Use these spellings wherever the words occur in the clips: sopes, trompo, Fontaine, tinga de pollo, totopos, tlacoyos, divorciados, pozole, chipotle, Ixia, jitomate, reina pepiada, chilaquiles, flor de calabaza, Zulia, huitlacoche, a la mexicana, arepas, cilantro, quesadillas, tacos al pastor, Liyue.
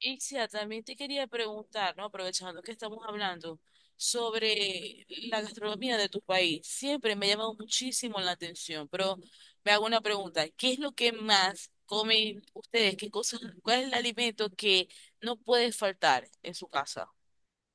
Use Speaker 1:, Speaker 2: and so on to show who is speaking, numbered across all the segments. Speaker 1: Ixia, también te quería preguntar, ¿no? Aprovechando que estamos hablando sobre la gastronomía de tu país. Siempre me ha llamado muchísimo la atención, pero me hago una pregunta. ¿Qué es lo que más comen ustedes? ¿Qué cosas, cuál es el alimento que no puede faltar en su casa?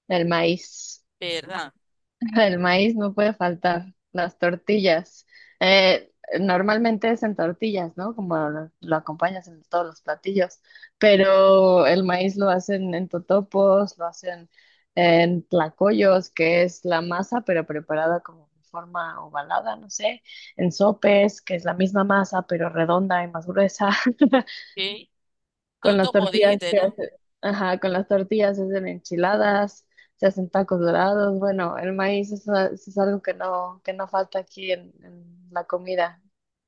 Speaker 2: El maíz,
Speaker 1: ¿Verdad?
Speaker 2: el maíz no puede faltar, las tortillas. Eh, Normalmente es en tortillas, ¿no? Como lo acompañas en todos los platillos, pero el maíz lo hacen en totopos, lo hacen en tlacoyos, que es la masa, pero preparada como en forma ovalada, no sé, en sopes, que es la misma masa, pero redonda y más gruesa.
Speaker 1: ¿Sí?
Speaker 2: Con las
Speaker 1: Totopos,
Speaker 2: tortillas
Speaker 1: dijiste,
Speaker 2: se
Speaker 1: ¿no?
Speaker 2: hace, ajá, con las tortillas se hacen enchiladas, se hacen tacos dorados. Bueno, el maíz es algo que no falta aquí en la comida.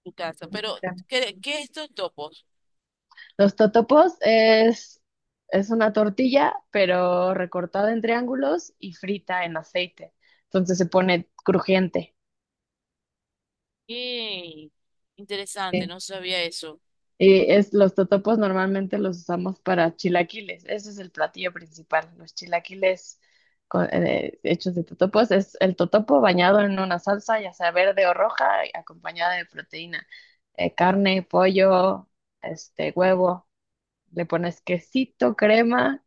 Speaker 1: Tu casa. Pero, ¿qué es totopos?
Speaker 2: Los totopos es una tortilla, pero recortada en triángulos y frita en aceite. Entonces se pone crujiente.
Speaker 1: Qué interesante, no sabía eso.
Speaker 2: Y es, los totopos normalmente los usamos para chilaquiles. Ese es el platillo principal. Los chilaquiles hechos de totopos es el totopo bañado en una salsa, ya sea verde o roja, y acompañada de proteína. Carne, pollo, este, huevo. Le pones quesito, crema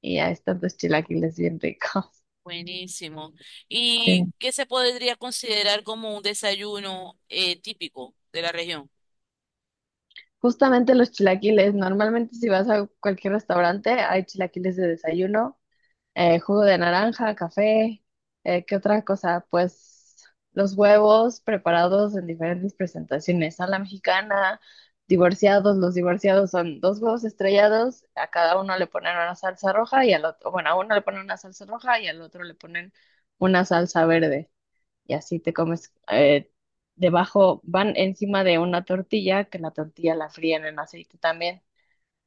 Speaker 2: y ahí están tus chilaquiles bien ricos.
Speaker 1: Buenísimo. ¿Y
Speaker 2: Sí.
Speaker 1: qué se podría considerar como un desayuno típico de la región?
Speaker 2: Justamente los chilaquiles, normalmente si vas a cualquier restaurante hay chilaquiles de desayuno, jugo de naranja, café, ¿qué otra cosa? Pues los huevos preparados en diferentes presentaciones, a la mexicana, divorciados, los divorciados son dos huevos estrellados, a cada uno le ponen una salsa roja y al otro, bueno, a uno le ponen una salsa roja y al otro le ponen una salsa verde y así te comes, debajo, van encima de una tortilla, que la tortilla la fríen en aceite también.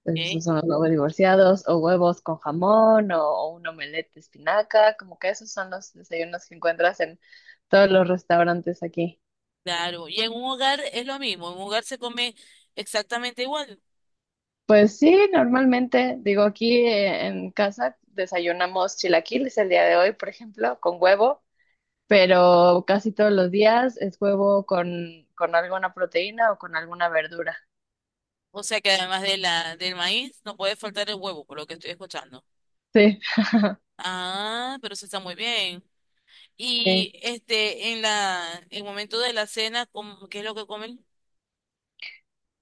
Speaker 2: Entonces,
Speaker 1: ¿Eh?
Speaker 2: esos son los huevos divorciados, o huevos con jamón, o un omelette de espinaca, como que esos son los desayunos que encuentras en todos los restaurantes aquí.
Speaker 1: Claro. Y en un hogar es lo mismo. En un hogar se come exactamente igual.
Speaker 2: Pues sí, normalmente, digo, aquí en casa desayunamos chilaquiles el día de hoy, por ejemplo, con huevo, pero casi todos los días es huevo con alguna proteína o con alguna verdura.
Speaker 1: O sea que además de del maíz, no puede faltar el huevo, por lo que estoy escuchando.
Speaker 2: Sí.
Speaker 1: Ah, pero eso está muy bien.
Speaker 2: Sí.
Speaker 1: Y este, en en el momento de la cena, ¿cómo? ¿Qué es lo que comen?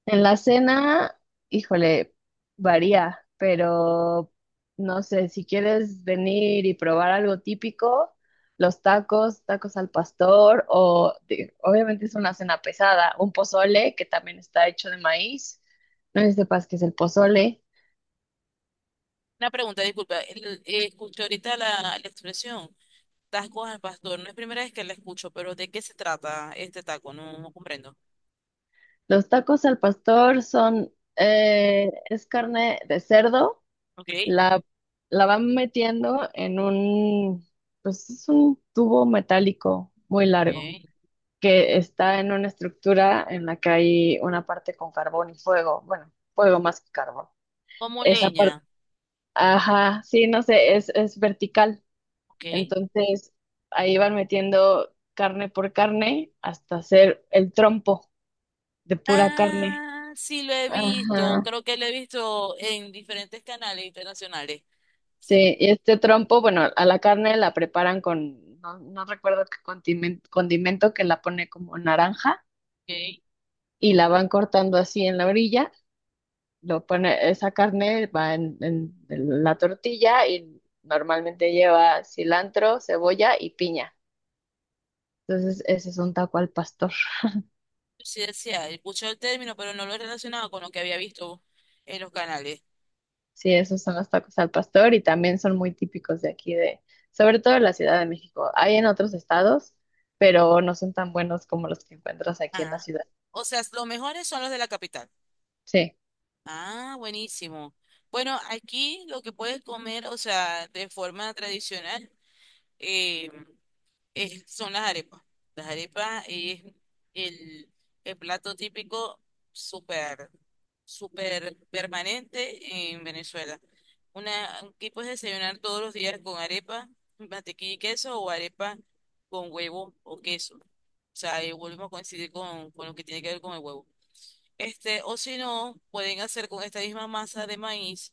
Speaker 2: En la cena, híjole, varía, pero no sé, si quieres venir y probar algo típico, los tacos, tacos al pastor, obviamente es una cena pesada, un pozole que también está hecho de maíz, no sé si sepas qué es el pozole.
Speaker 1: Una pregunta, disculpa. Escuché ahorita la expresión. Tacos al pastor, no es primera vez que la escucho, pero ¿de qué se trata este taco? No, no comprendo.
Speaker 2: Los tacos al pastor son, es carne de cerdo,
Speaker 1: Ok,
Speaker 2: la, la van metiendo en un, pues es un tubo metálico muy largo,
Speaker 1: ok.
Speaker 2: que está en una estructura en la que hay una parte con carbón y fuego, bueno, fuego más que carbón.
Speaker 1: Como
Speaker 2: Esa
Speaker 1: leña,
Speaker 2: parte, ajá, sí, no sé, es vertical.
Speaker 1: ok.
Speaker 2: Entonces, ahí van metiendo carne por carne hasta hacer el trompo de pura carne.
Speaker 1: Ah, sí lo he visto,
Speaker 2: Ajá.
Speaker 1: creo que lo he visto en diferentes canales internacionales.
Speaker 2: Sí, y este trompo, bueno, a la carne la preparan con, no, no recuerdo qué condimento, condimento que la pone como naranja
Speaker 1: Ok.
Speaker 2: y la van cortando así en la orilla, lo pone, esa carne va en la tortilla y normalmente lleva cilantro, cebolla y piña. Entonces, ese es un taco al pastor.
Speaker 1: Sí decía, escuché el término, pero no lo he relacionado con lo que había visto en los canales.
Speaker 2: Sí, esos son los tacos al pastor y también son muy típicos de aquí, de sobre todo en la Ciudad de México. Hay en otros estados, pero no son tan buenos como los que encuentras aquí en la
Speaker 1: Ah,
Speaker 2: ciudad.
Speaker 1: o sea, los mejores son los de la capital.
Speaker 2: Sí,
Speaker 1: Ah, buenísimo. Bueno, aquí lo que puedes comer, o sea, de forma tradicional. eh, Son las arepas. Las arepas es el, el plato típico súper, súper permanente en Venezuela. Una, aquí puedes desayunar todos los días con arepa, mantequilla y queso o arepa con huevo o queso. O sea, ahí volvemos a coincidir con lo que tiene que ver con el huevo. Este, o si no, pueden hacer con esta misma masa de maíz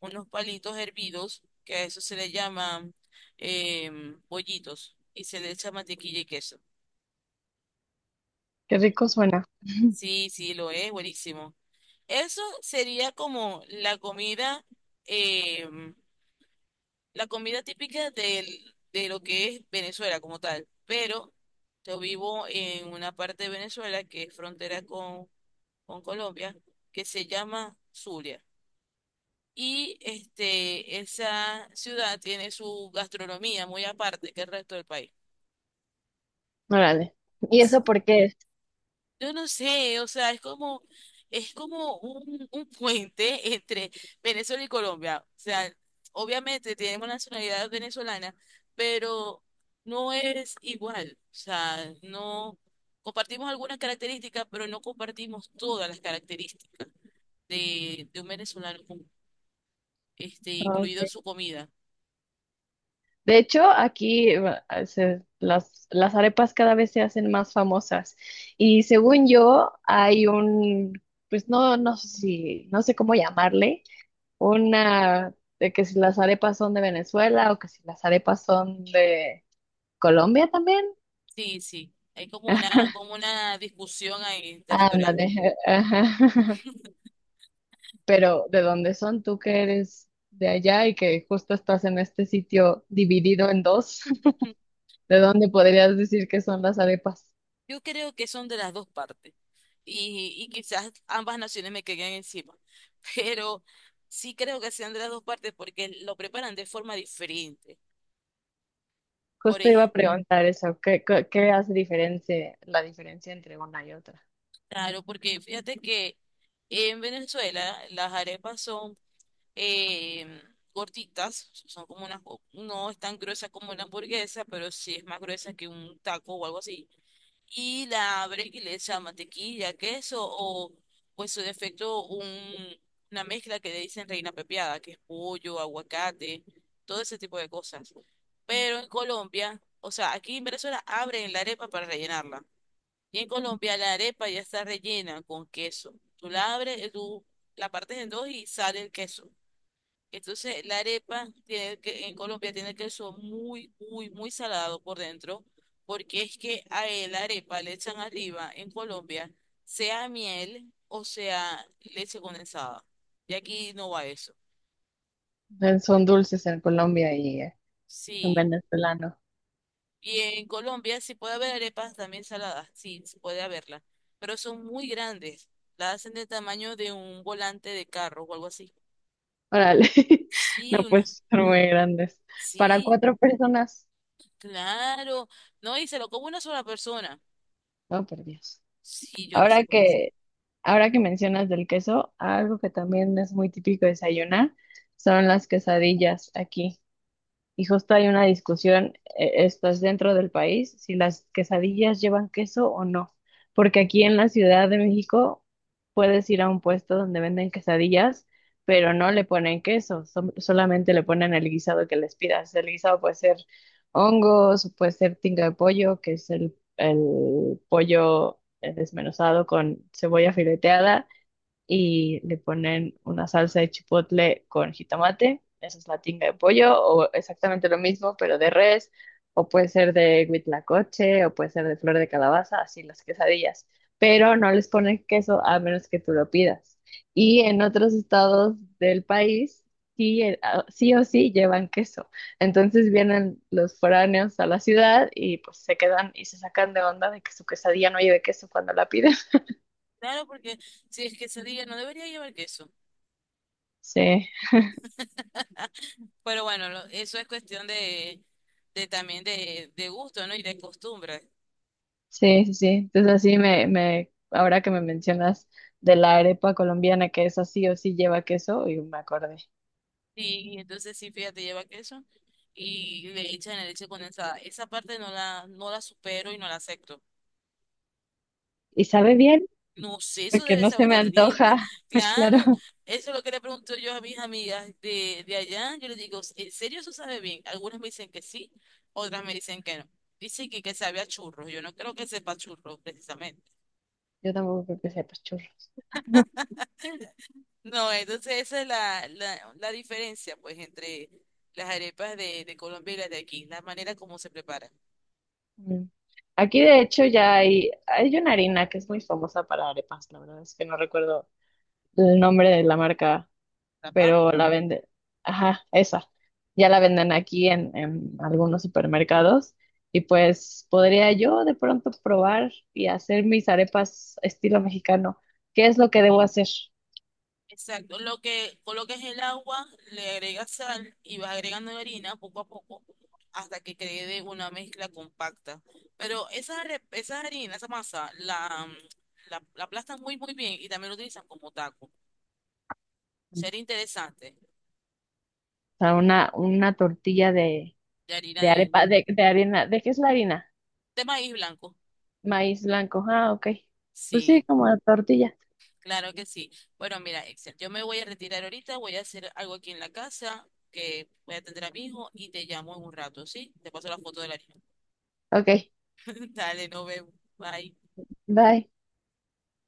Speaker 1: unos palitos hervidos, que a eso se le llaman bollitos, y se le echa mantequilla y queso.
Speaker 2: qué rico suena.
Speaker 1: Sí, sí, lo es, buenísimo. Eso sería como la comida, em, la comida típica de lo que es Venezuela como tal. Pero yo vivo en una parte de Venezuela que es frontera con Colombia, que se llama Zulia. Y este, esa ciudad tiene su gastronomía muy aparte que el resto del país.
Speaker 2: Órale. ¿Y eso por qué es?
Speaker 1: Yo no sé, o sea, es como un puente entre Venezuela y Colombia. O sea, obviamente tenemos nacionalidad venezolana, pero no es igual. O sea, no compartimos algunas características, pero no compartimos todas las características de un venezolano, este,
Speaker 2: Ah,
Speaker 1: incluido
Speaker 2: ok.
Speaker 1: su comida.
Speaker 2: De hecho, aquí las arepas cada vez se hacen más famosas. Y según yo, hay un, pues no, no sé si, no sé cómo llamarle, una de que si las arepas son de Venezuela o que si las arepas son de Colombia también.
Speaker 1: Sí, sí, hay como una discusión ahí territorial.
Speaker 2: Ándale, ajá. Pero ¿de dónde son tú que eres de allá y que justo estás en este sitio dividido en dos? ¿De dónde podrías decir que son las arepas?
Speaker 1: Yo creo que son de las dos partes y quizás ambas naciones me caigan encima, pero sí creo que sean de las dos partes porque lo preparan de forma diferente. Por
Speaker 2: Justo iba
Speaker 1: ej-
Speaker 2: a preguntar eso, ¿ qué hace la diferencia entre una y otra?
Speaker 1: claro, porque fíjate que en Venezuela las arepas son eh, gorditas, son como unas, no es tan gruesa como una hamburguesa, pero sí es más gruesa que un taco o algo así. Y la abres y le echas mantequilla, queso o, pues su defecto, una mezcla que le dicen reina pepiada, que es pollo, aguacate, todo ese tipo de cosas. Pero en Colombia, o sea, aquí en Venezuela abren la arepa para rellenarla. Y en Colombia la arepa ya está rellena con queso. Tú la abres, tú la partes en dos y sale el queso. Entonces, la arepa tiene que, en Colombia tiene queso muy, muy, muy salado por dentro, porque es que a él, la arepa le echan arriba en Colombia, sea miel o sea leche condensada. Y aquí no va eso.
Speaker 2: Son dulces en Colombia y en
Speaker 1: Sí.
Speaker 2: venezolano.
Speaker 1: Y en Colombia sí puede haber arepas también saladas, sí, sí puede haberlas, pero son muy grandes. La hacen del tamaño de un volante de carro o algo así.
Speaker 2: Órale,
Speaker 1: Sí,
Speaker 2: no
Speaker 1: una.
Speaker 2: pues son muy grandes. Para
Speaker 1: Sí,
Speaker 2: cuatro personas,
Speaker 1: claro. No, y se lo come una sola persona.
Speaker 2: no, por Dios.
Speaker 1: Sí, yo no sé
Speaker 2: Ahora
Speaker 1: cómo hacer.
Speaker 2: que, ahora que mencionas del queso, algo que también es muy típico desayunar son las quesadillas aquí. Y justo hay una discusión, esto es dentro del país, si las quesadillas llevan queso o no. Porque aquí en la Ciudad de México puedes ir a un puesto donde venden quesadillas, pero no le ponen queso, solamente le ponen el guisado que les pidas. El guisado puede ser hongos, puede ser tinga de pollo, que es el pollo desmenuzado con cebolla fileteada y le ponen una salsa de chipotle con jitomate. Esa es la tinga de pollo, o exactamente lo mismo, pero de res, o puede ser de huitlacoche, o puede ser de flor de calabaza, así las quesadillas. Pero no les ponen queso a menos que tú lo pidas. Y en otros estados del país, sí, sí o sí llevan queso. Entonces vienen los foráneos a la ciudad y pues se quedan y se sacan de onda de que su quesadilla no lleve queso cuando la piden.
Speaker 1: Claro, porque si es quesadilla no debería llevar queso.
Speaker 2: Sí.
Speaker 1: Pero bueno, eso es cuestión de también de gusto, ¿no? Y de costumbre.
Speaker 2: Sí, sí, sí. Entonces así ahora que me mencionas de la arepa colombiana, que es así o sí lleva queso, y me acordé.
Speaker 1: Sí, y entonces sí, fíjate, lleva queso y le echan la leche condensada. Esa parte no no la supero y no la acepto.
Speaker 2: Y sabe bien,
Speaker 1: No sé, eso
Speaker 2: porque
Speaker 1: debe
Speaker 2: no se
Speaker 1: saber
Speaker 2: me
Speaker 1: horrible.
Speaker 2: antoja,
Speaker 1: Claro,
Speaker 2: claro.
Speaker 1: eso es lo que le pregunto yo a mis amigas de allá. Yo les digo, ¿en serio eso sabe bien? Algunas me dicen que sí, otras me dicen que no. Dicen que sabe a churros. Yo no creo que sepa churros, precisamente.
Speaker 2: Yo tampoco creo que sepa churros.
Speaker 1: No, entonces esa es la diferencia, pues, entre las arepas de Colombia y las de aquí, la manera como se preparan.
Speaker 2: Mm. Aquí de hecho ya hay una harina que es muy famosa para arepas, la verdad es que no recuerdo el nombre de la marca,
Speaker 1: ¿Tapa?
Speaker 2: pero la venden, ajá, esa, ya la venden aquí en algunos supermercados y pues podría yo de pronto probar y hacer mis arepas estilo mexicano. ¿Qué es lo que debo hacer?
Speaker 1: Exacto, lo que coloques el agua, le agregas sal y vas agregando la harina poco a poco hasta que quede una mezcla compacta. Pero esa, esa harina, esa masa, la aplastan muy muy bien y también lo utilizan como taco. Sería interesante,
Speaker 2: O sea, una tortilla
Speaker 1: de harina
Speaker 2: de arepa, de harina, ¿de qué es la harina?
Speaker 1: de maíz blanco.
Speaker 2: Maíz blanco, ah, ok. Pues sí,
Speaker 1: Sí,
Speaker 2: como la tortilla,
Speaker 1: claro que sí. Bueno, mira, Excel, yo me voy a retirar ahorita, voy a hacer algo aquí en la casa, que voy a atender a mi hijo y te llamo en un rato, ¿sí? Te paso la foto de la harina.
Speaker 2: ok,
Speaker 1: Dale, nos vemos. Bye.
Speaker 2: bye.